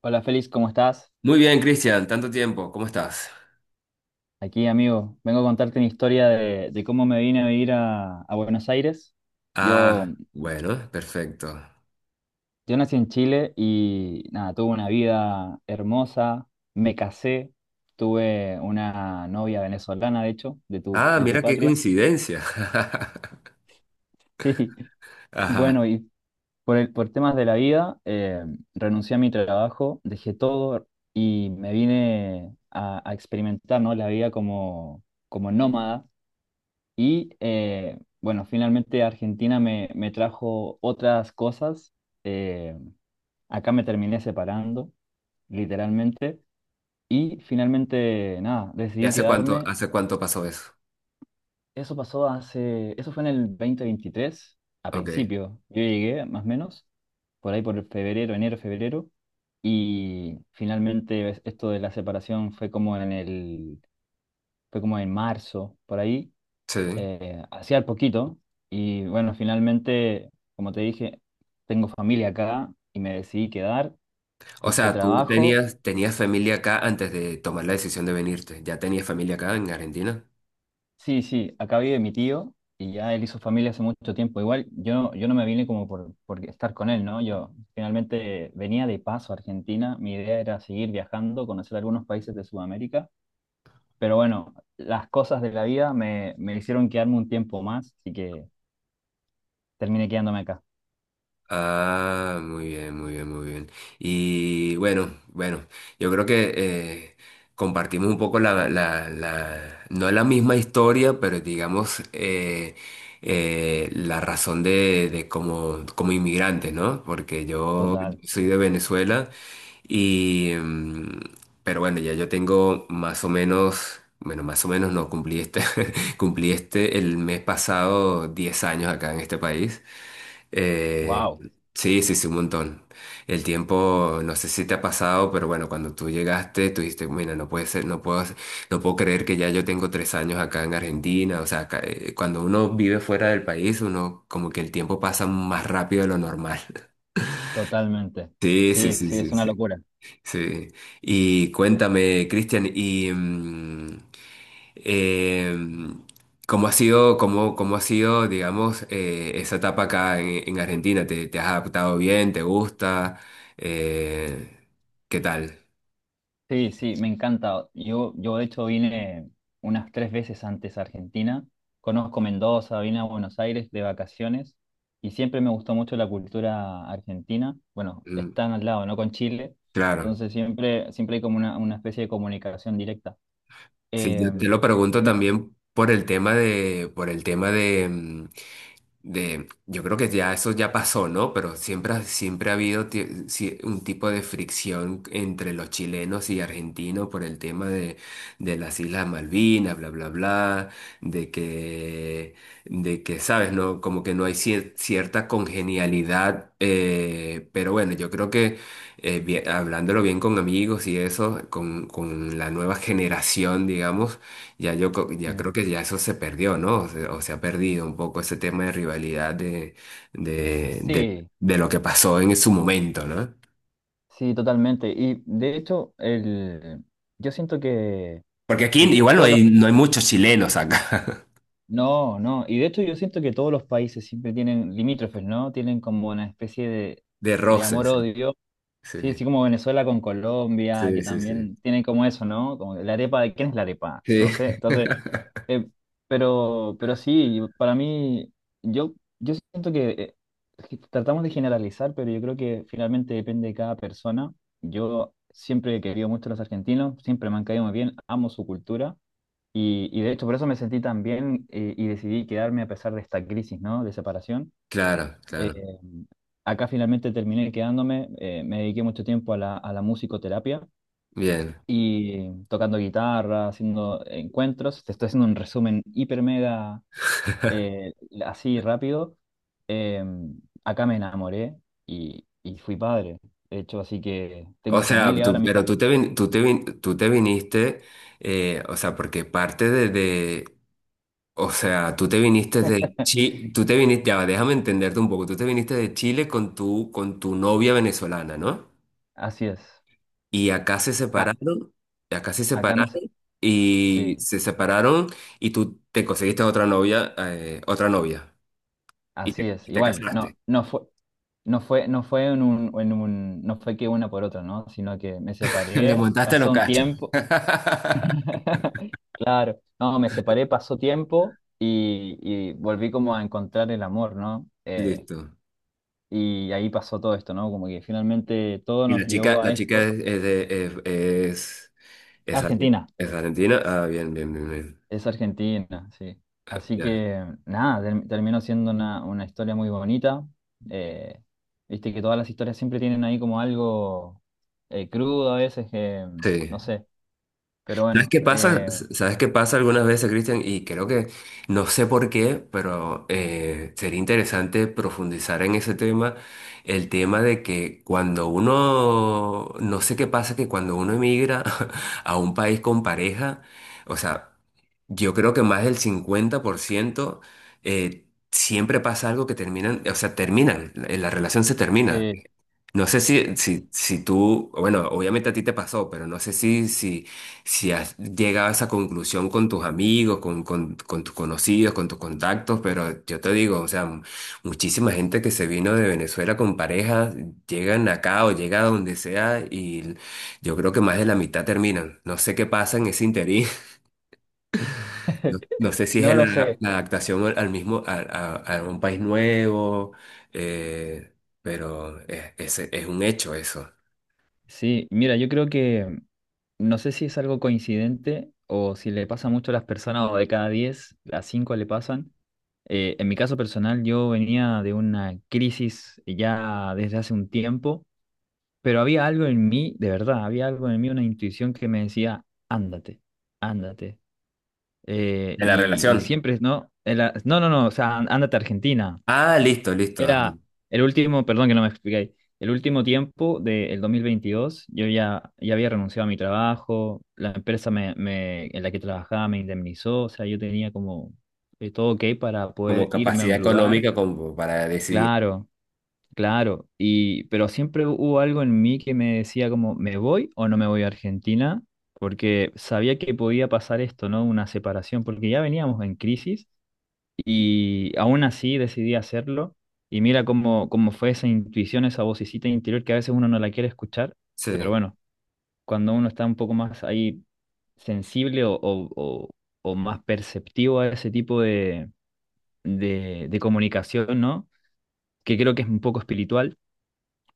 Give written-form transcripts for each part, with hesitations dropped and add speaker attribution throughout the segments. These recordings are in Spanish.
Speaker 1: Hola Félix, ¿cómo estás?
Speaker 2: Muy bien, Cristian, tanto tiempo, ¿cómo estás?
Speaker 1: Aquí, amigo. Vengo a contarte mi historia de cómo me vine a vivir a Buenos Aires. Yo,
Speaker 2: Ah, bueno, perfecto.
Speaker 1: yo nací en Chile y nada, tuve una vida hermosa, me casé, tuve una novia venezolana, de hecho, de tu,
Speaker 2: Ah,
Speaker 1: de tu
Speaker 2: mira qué
Speaker 1: patria.
Speaker 2: coincidencia. Ajá.
Speaker 1: Bueno, y por temas de la vida, renuncié a mi trabajo, dejé todo y me vine a experimentar, ¿no? La vida como, como nómada. Bueno, finalmente Argentina me trajo otras cosas. eh, Acá me terminé separando, literalmente. Y finalmente, nada,
Speaker 2: ¿Y
Speaker 1: decidí
Speaker 2: hace cuánto,
Speaker 1: quedarme.
Speaker 2: hace cuánto pasó eso?
Speaker 1: Eso pasó hace, eso fue en el 2023, a
Speaker 2: Ok,
Speaker 1: principio. Yo llegué, más o menos, por ahí por febrero, enero, febrero. Y finalmente esto de la separación fue como fue como en marzo, por ahí.
Speaker 2: sí.
Speaker 1: Hacía al poquito y bueno, finalmente, como te dije, tengo familia acá y me decidí quedar,
Speaker 2: O
Speaker 1: busqué
Speaker 2: sea, tú
Speaker 1: trabajo.
Speaker 2: tenías, tenías familia acá antes de tomar la decisión de venirte. ¿Ya tenías familia acá en Argentina?
Speaker 1: Sí, sí, acá vive mi tío y ya él hizo familia hace mucho tiempo. Igual yo no me vine como por estar con él, ¿no? Yo finalmente venía de paso a Argentina, mi idea era seguir viajando, conocer algunos países de Sudamérica, pero bueno, las cosas de la vida me hicieron quedarme un tiempo más, así que terminé quedándome acá.
Speaker 2: Ah, muy bien, muy bien, muy bien. Y bueno, bueno, yo creo que compartimos un poco no la misma historia, pero digamos la razón de como inmigrante, ¿no? Porque yo
Speaker 1: Total.
Speaker 2: soy de Venezuela y pero bueno, ya yo tengo más o menos, bueno, más o menos no, cumplí cumplí el mes pasado 10 años acá en este país. Eh,
Speaker 1: Wow.
Speaker 2: Sí, sí, sí, un montón. El tiempo, no sé si te ha pasado, pero bueno, cuando tú llegaste, tú dijiste, mira, no puede ser, no puedo creer que ya yo tengo tres años acá en Argentina. O sea, acá, cuando uno vive fuera del país, uno como que el tiempo pasa más rápido de lo normal.
Speaker 1: Totalmente.
Speaker 2: Sí, sí,
Speaker 1: Sí,
Speaker 2: sí,
Speaker 1: sí, es
Speaker 2: sí,
Speaker 1: una
Speaker 2: sí,
Speaker 1: locura.
Speaker 2: sí. Y cuéntame, Cristian, eh, ¿cómo ha sido, cómo, cómo ha sido, digamos, esa etapa acá en, Argentina? ¿Te has adaptado bien? ¿Te gusta? Eh, ¿Qué tal?
Speaker 1: Sí, sí, me encanta. Yo de hecho vine unas tres veces antes a Argentina. Conozco Mendoza, vine a Buenos Aires de vacaciones y siempre me gustó mucho la cultura argentina. Bueno,
Speaker 2: Mm,
Speaker 1: están al lado, ¿no? Con Chile.
Speaker 2: claro.
Speaker 1: Entonces siempre, siempre hay como una especie de comunicación directa.
Speaker 2: Sí,
Speaker 1: Eh,
Speaker 2: yo te lo pregunto
Speaker 1: me-
Speaker 2: también por el tema de, por el tema de, mm, de, yo creo que ya eso ya pasó, ¿no? Pero siempre, siempre ha habido un tipo de fricción entre los chilenos y argentinos por el tema de las Islas Malvinas, bla, bla, bla, de que, de que, ¿sabes? No, como que no hay cierta congenialidad, pero bueno, yo creo que hablándolo bien con amigos y eso, con la nueva generación, digamos, ya creo
Speaker 1: mm,
Speaker 2: que ya eso se perdió, ¿no? O se ha perdido un poco ese tema de rivalidad de, de,
Speaker 1: sí,
Speaker 2: de lo que pasó en su momento, ¿no?
Speaker 1: sí, totalmente. Y de hecho, yo siento
Speaker 2: Porque aquí
Speaker 1: que
Speaker 2: igual no
Speaker 1: todos los
Speaker 2: hay, no hay muchos chilenos acá.
Speaker 1: No, no. Y de hecho yo siento que todos los países siempre tienen limítrofes, ¿no? Tienen como una especie
Speaker 2: De
Speaker 1: de
Speaker 2: roces, sí.
Speaker 1: amor-odio.
Speaker 2: Sí,
Speaker 1: Sí, así como Venezuela con Colombia,
Speaker 2: sí,
Speaker 1: que
Speaker 2: sí, sí.
Speaker 1: también tienen como eso, ¿no? Como la arepa, de quién es la arepa,
Speaker 2: Sí.
Speaker 1: no sé. Entonces, eh, pero sí, para mí, yo, yo siento que es que tratamos de generalizar, pero yo creo que finalmente depende de cada persona. Yo siempre he querido mucho a los argentinos, siempre me han caído muy bien, amo su cultura. Y de hecho por eso me sentí tan bien, y decidí quedarme a pesar de esta crisis, ¿no? De separación.
Speaker 2: Claro,
Speaker 1: Eh,
Speaker 2: claro.
Speaker 1: Acá finalmente terminé quedándome, me dediqué mucho tiempo a a la musicoterapia
Speaker 2: Bien.
Speaker 1: y tocando guitarra, haciendo encuentros. Te estoy haciendo un resumen hiper mega, eh, así rápido. Eh, Acá me enamoré y fui padre, de hecho, así que
Speaker 2: O
Speaker 1: tengo
Speaker 2: sea,
Speaker 1: familia ahora,
Speaker 2: tú,
Speaker 1: mi
Speaker 2: pero tú te, vin- tú te, vin- tú te viniste, eh, o sea, porque parte de, o sea, tú te viniste de Chile, tú te viniste, ya, va, déjame entenderte un poco, tú te viniste de Chile con tu novia venezolana, ¿no?
Speaker 1: así es.
Speaker 2: Y acá se
Speaker 1: Acá,
Speaker 2: separaron, y acá
Speaker 1: acá no sé, sí.
Speaker 2: se separaron, y tú te conseguiste otra novia, y
Speaker 1: Así
Speaker 2: te,
Speaker 1: es,
Speaker 2: y te
Speaker 1: igual,
Speaker 2: casaste.
Speaker 1: no fue en no fue que una por otra, ¿no? Sino que me
Speaker 2: Le
Speaker 1: separé,
Speaker 2: montaste los
Speaker 1: pasó un
Speaker 2: cachos.
Speaker 1: tiempo, claro, no, me separé, pasó tiempo y volví como a encontrar el amor, ¿no?
Speaker 2: Listo.
Speaker 1: Y ahí pasó todo esto, ¿no? Como que finalmente todo
Speaker 2: Y la
Speaker 1: nos
Speaker 2: chica,
Speaker 1: llevó a
Speaker 2: la chica
Speaker 1: esto.
Speaker 2: es, de- es,
Speaker 1: Argentina.
Speaker 2: es argentina. Ah, bien, bien, bien, bien.
Speaker 1: Es Argentina, sí. Así
Speaker 2: Ya.
Speaker 1: que nada, terminó siendo una historia muy bonita. Eh, Viste que todas las historias siempre tienen ahí como algo, crudo a veces, que no
Speaker 2: Sí.
Speaker 1: sé, pero
Speaker 2: ¿Sabes
Speaker 1: bueno,
Speaker 2: qué pasa? ¿Sabes qué pasa algunas veces, Cristian? Y creo que, no sé por qué, pero sería interesante profundizar en ese tema, el tema de que cuando uno, no sé qué pasa, que cuando uno emigra a un país con pareja, o sea, yo creo que más del 50% eh, siempre pasa algo que terminan, o sea, terminan, la relación se termina.
Speaker 1: sí,
Speaker 2: No sé si,
Speaker 1: sí.
Speaker 2: si, si tú, bueno, obviamente a ti te pasó, pero no sé si has llegado a esa conclusión con tus amigos, con tus conocidos, con tus contactos, pero yo te digo, o sea, muchísima gente que se vino de Venezuela con pareja, llegan acá o llega a donde sea y yo creo que más de la mitad terminan. No sé qué pasa en ese interín, no, no sé si
Speaker 1: No
Speaker 2: es
Speaker 1: lo
Speaker 2: la,
Speaker 1: sé.
Speaker 2: la adaptación al mismo, a un país nuevo, eh, pero es, es un hecho eso,
Speaker 1: Sí, mira, yo creo que no sé si es algo coincidente o si le pasa mucho a las personas o de cada 10 a 5 le pasan. En mi caso personal, yo venía de una crisis ya desde hace un tiempo. Pero había algo en mí, de verdad, había algo en mí, una intuición que me decía, ándate, ándate.
Speaker 2: de la
Speaker 1: Y
Speaker 2: relación.
Speaker 1: siempre, no, o sea, ándate a Argentina.
Speaker 2: Ah, listo, listo. Ajá.
Speaker 1: Era el último, perdón que no me expliqué, el último tiempo del 2022, ya había renunciado a mi trabajo, la empresa en la que trabajaba me indemnizó, o sea, yo tenía como, todo ok para
Speaker 2: Como
Speaker 1: poder irme a
Speaker 2: capacidad
Speaker 1: un lugar.
Speaker 2: económica como para decidir.
Speaker 1: Claro, claro, y pero siempre hubo algo en mí que me decía como, ¿me voy o no me voy a Argentina? Porque sabía que podía pasar esto, ¿no? Una separación, porque ya veníamos en crisis y aún así decidí hacerlo. Y mira cómo, cómo fue esa intuición, esa vocecita interior que a veces uno no la quiere escuchar, pero
Speaker 2: Sí,
Speaker 1: bueno, cuando uno está un poco más ahí sensible o más perceptivo a ese tipo de, de comunicación, ¿no? Que creo que es un poco espiritual,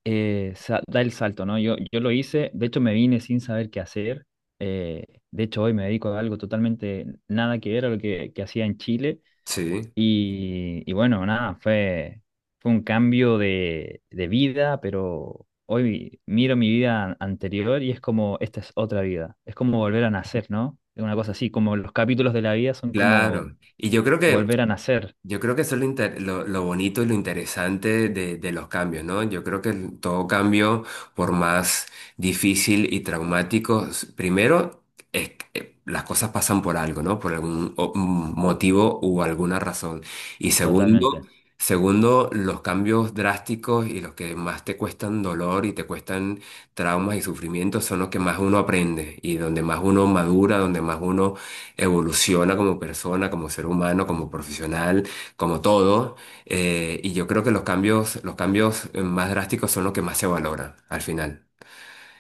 Speaker 1: da el salto, ¿no? Yo lo hice, de hecho me vine sin saber qué hacer, eh, de hecho hoy me dedico a algo totalmente nada que ver a lo que hacía en Chile
Speaker 2: sí,
Speaker 1: y bueno, nada, fue un cambio de vida, pero hoy miro mi vida anterior y es como, esta es otra vida, es como volver a nacer, ¿no? Es una cosa así, como los capítulos de la vida son como
Speaker 2: claro.
Speaker 1: volver a nacer
Speaker 2: Yo creo que eso es lo bonito y lo interesante de los cambios, ¿no? Yo creo que todo cambio, por más difícil y traumático, primero es que las cosas pasan por algo, ¿no? Por algún un motivo u alguna razón. Y segundo,
Speaker 1: totalmente.
Speaker 2: segundo, los cambios drásticos y los que más te cuestan dolor y te cuestan traumas y sufrimientos son los que más uno aprende y donde más uno madura, donde más uno evoluciona como persona, como ser humano, como profesional, como todo, y yo creo que los cambios más drásticos son los que más se valoran al final.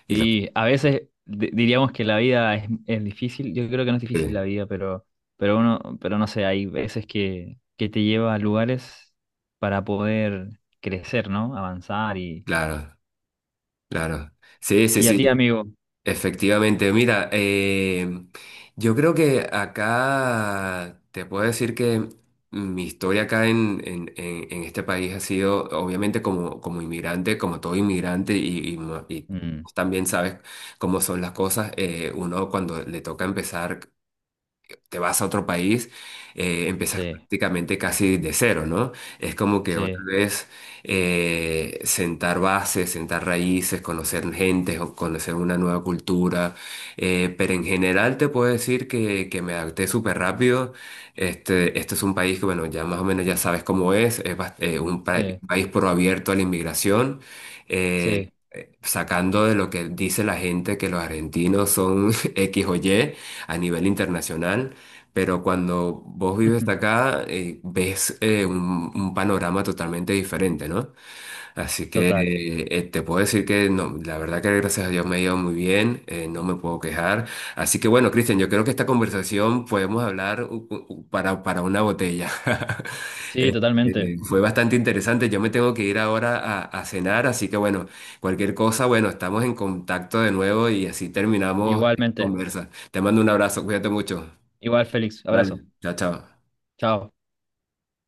Speaker 2: Y los-
Speaker 1: Y a veces diríamos que la vida es difícil. Yo creo que no es difícil la
Speaker 2: sí,
Speaker 1: vida, pero no sé, hay veces que te lleva a lugares para poder crecer, ¿no? Avanzar
Speaker 2: claro, claro. Sí, sí,
Speaker 1: y a ti,
Speaker 2: sí,
Speaker 1: amigo.
Speaker 2: efectivamente. Mira, yo creo que acá te puedo decir que mi historia acá en, en este país ha sido, obviamente, como inmigrante, como todo inmigrante, y, y
Speaker 1: Mm,
Speaker 2: también sabes cómo son las cosas, uno cuando le toca empezar. Te vas a otro país, empiezas
Speaker 1: sí,
Speaker 2: prácticamente casi de cero, ¿no? Es como que otra
Speaker 1: sí,
Speaker 2: vez sentar bases, sentar raíces, conocer gente, o conocer una nueva cultura. Pero en general te puedo decir que, me adapté súper rápido. Este es un país que, bueno, ya más o menos ya sabes cómo es,
Speaker 1: sí,
Speaker 2: país pro abierto a la inmigración.
Speaker 1: sí.
Speaker 2: Sacando de lo que dice la gente que los argentinos son X o Y a nivel internacional, pero cuando vos vives acá, ves un panorama totalmente diferente, ¿no? Así
Speaker 1: Total.
Speaker 2: que te puedo decir que no, la verdad que gracias a Dios me ha ido muy bien, no me puedo quejar. Así que bueno, Cristian, yo creo que esta conversación podemos hablar para una botella.
Speaker 1: Sí, totalmente.
Speaker 2: Fue bastante interesante, yo me tengo que ir ahora a, cenar, así que bueno, cualquier cosa, bueno, estamos en contacto de nuevo y así terminamos esta
Speaker 1: Igualmente.
Speaker 2: conversa. Te mando un abrazo, cuídate mucho.
Speaker 1: Igual, Félix. Abrazo.
Speaker 2: Vale, chao, chao.
Speaker 1: Chao.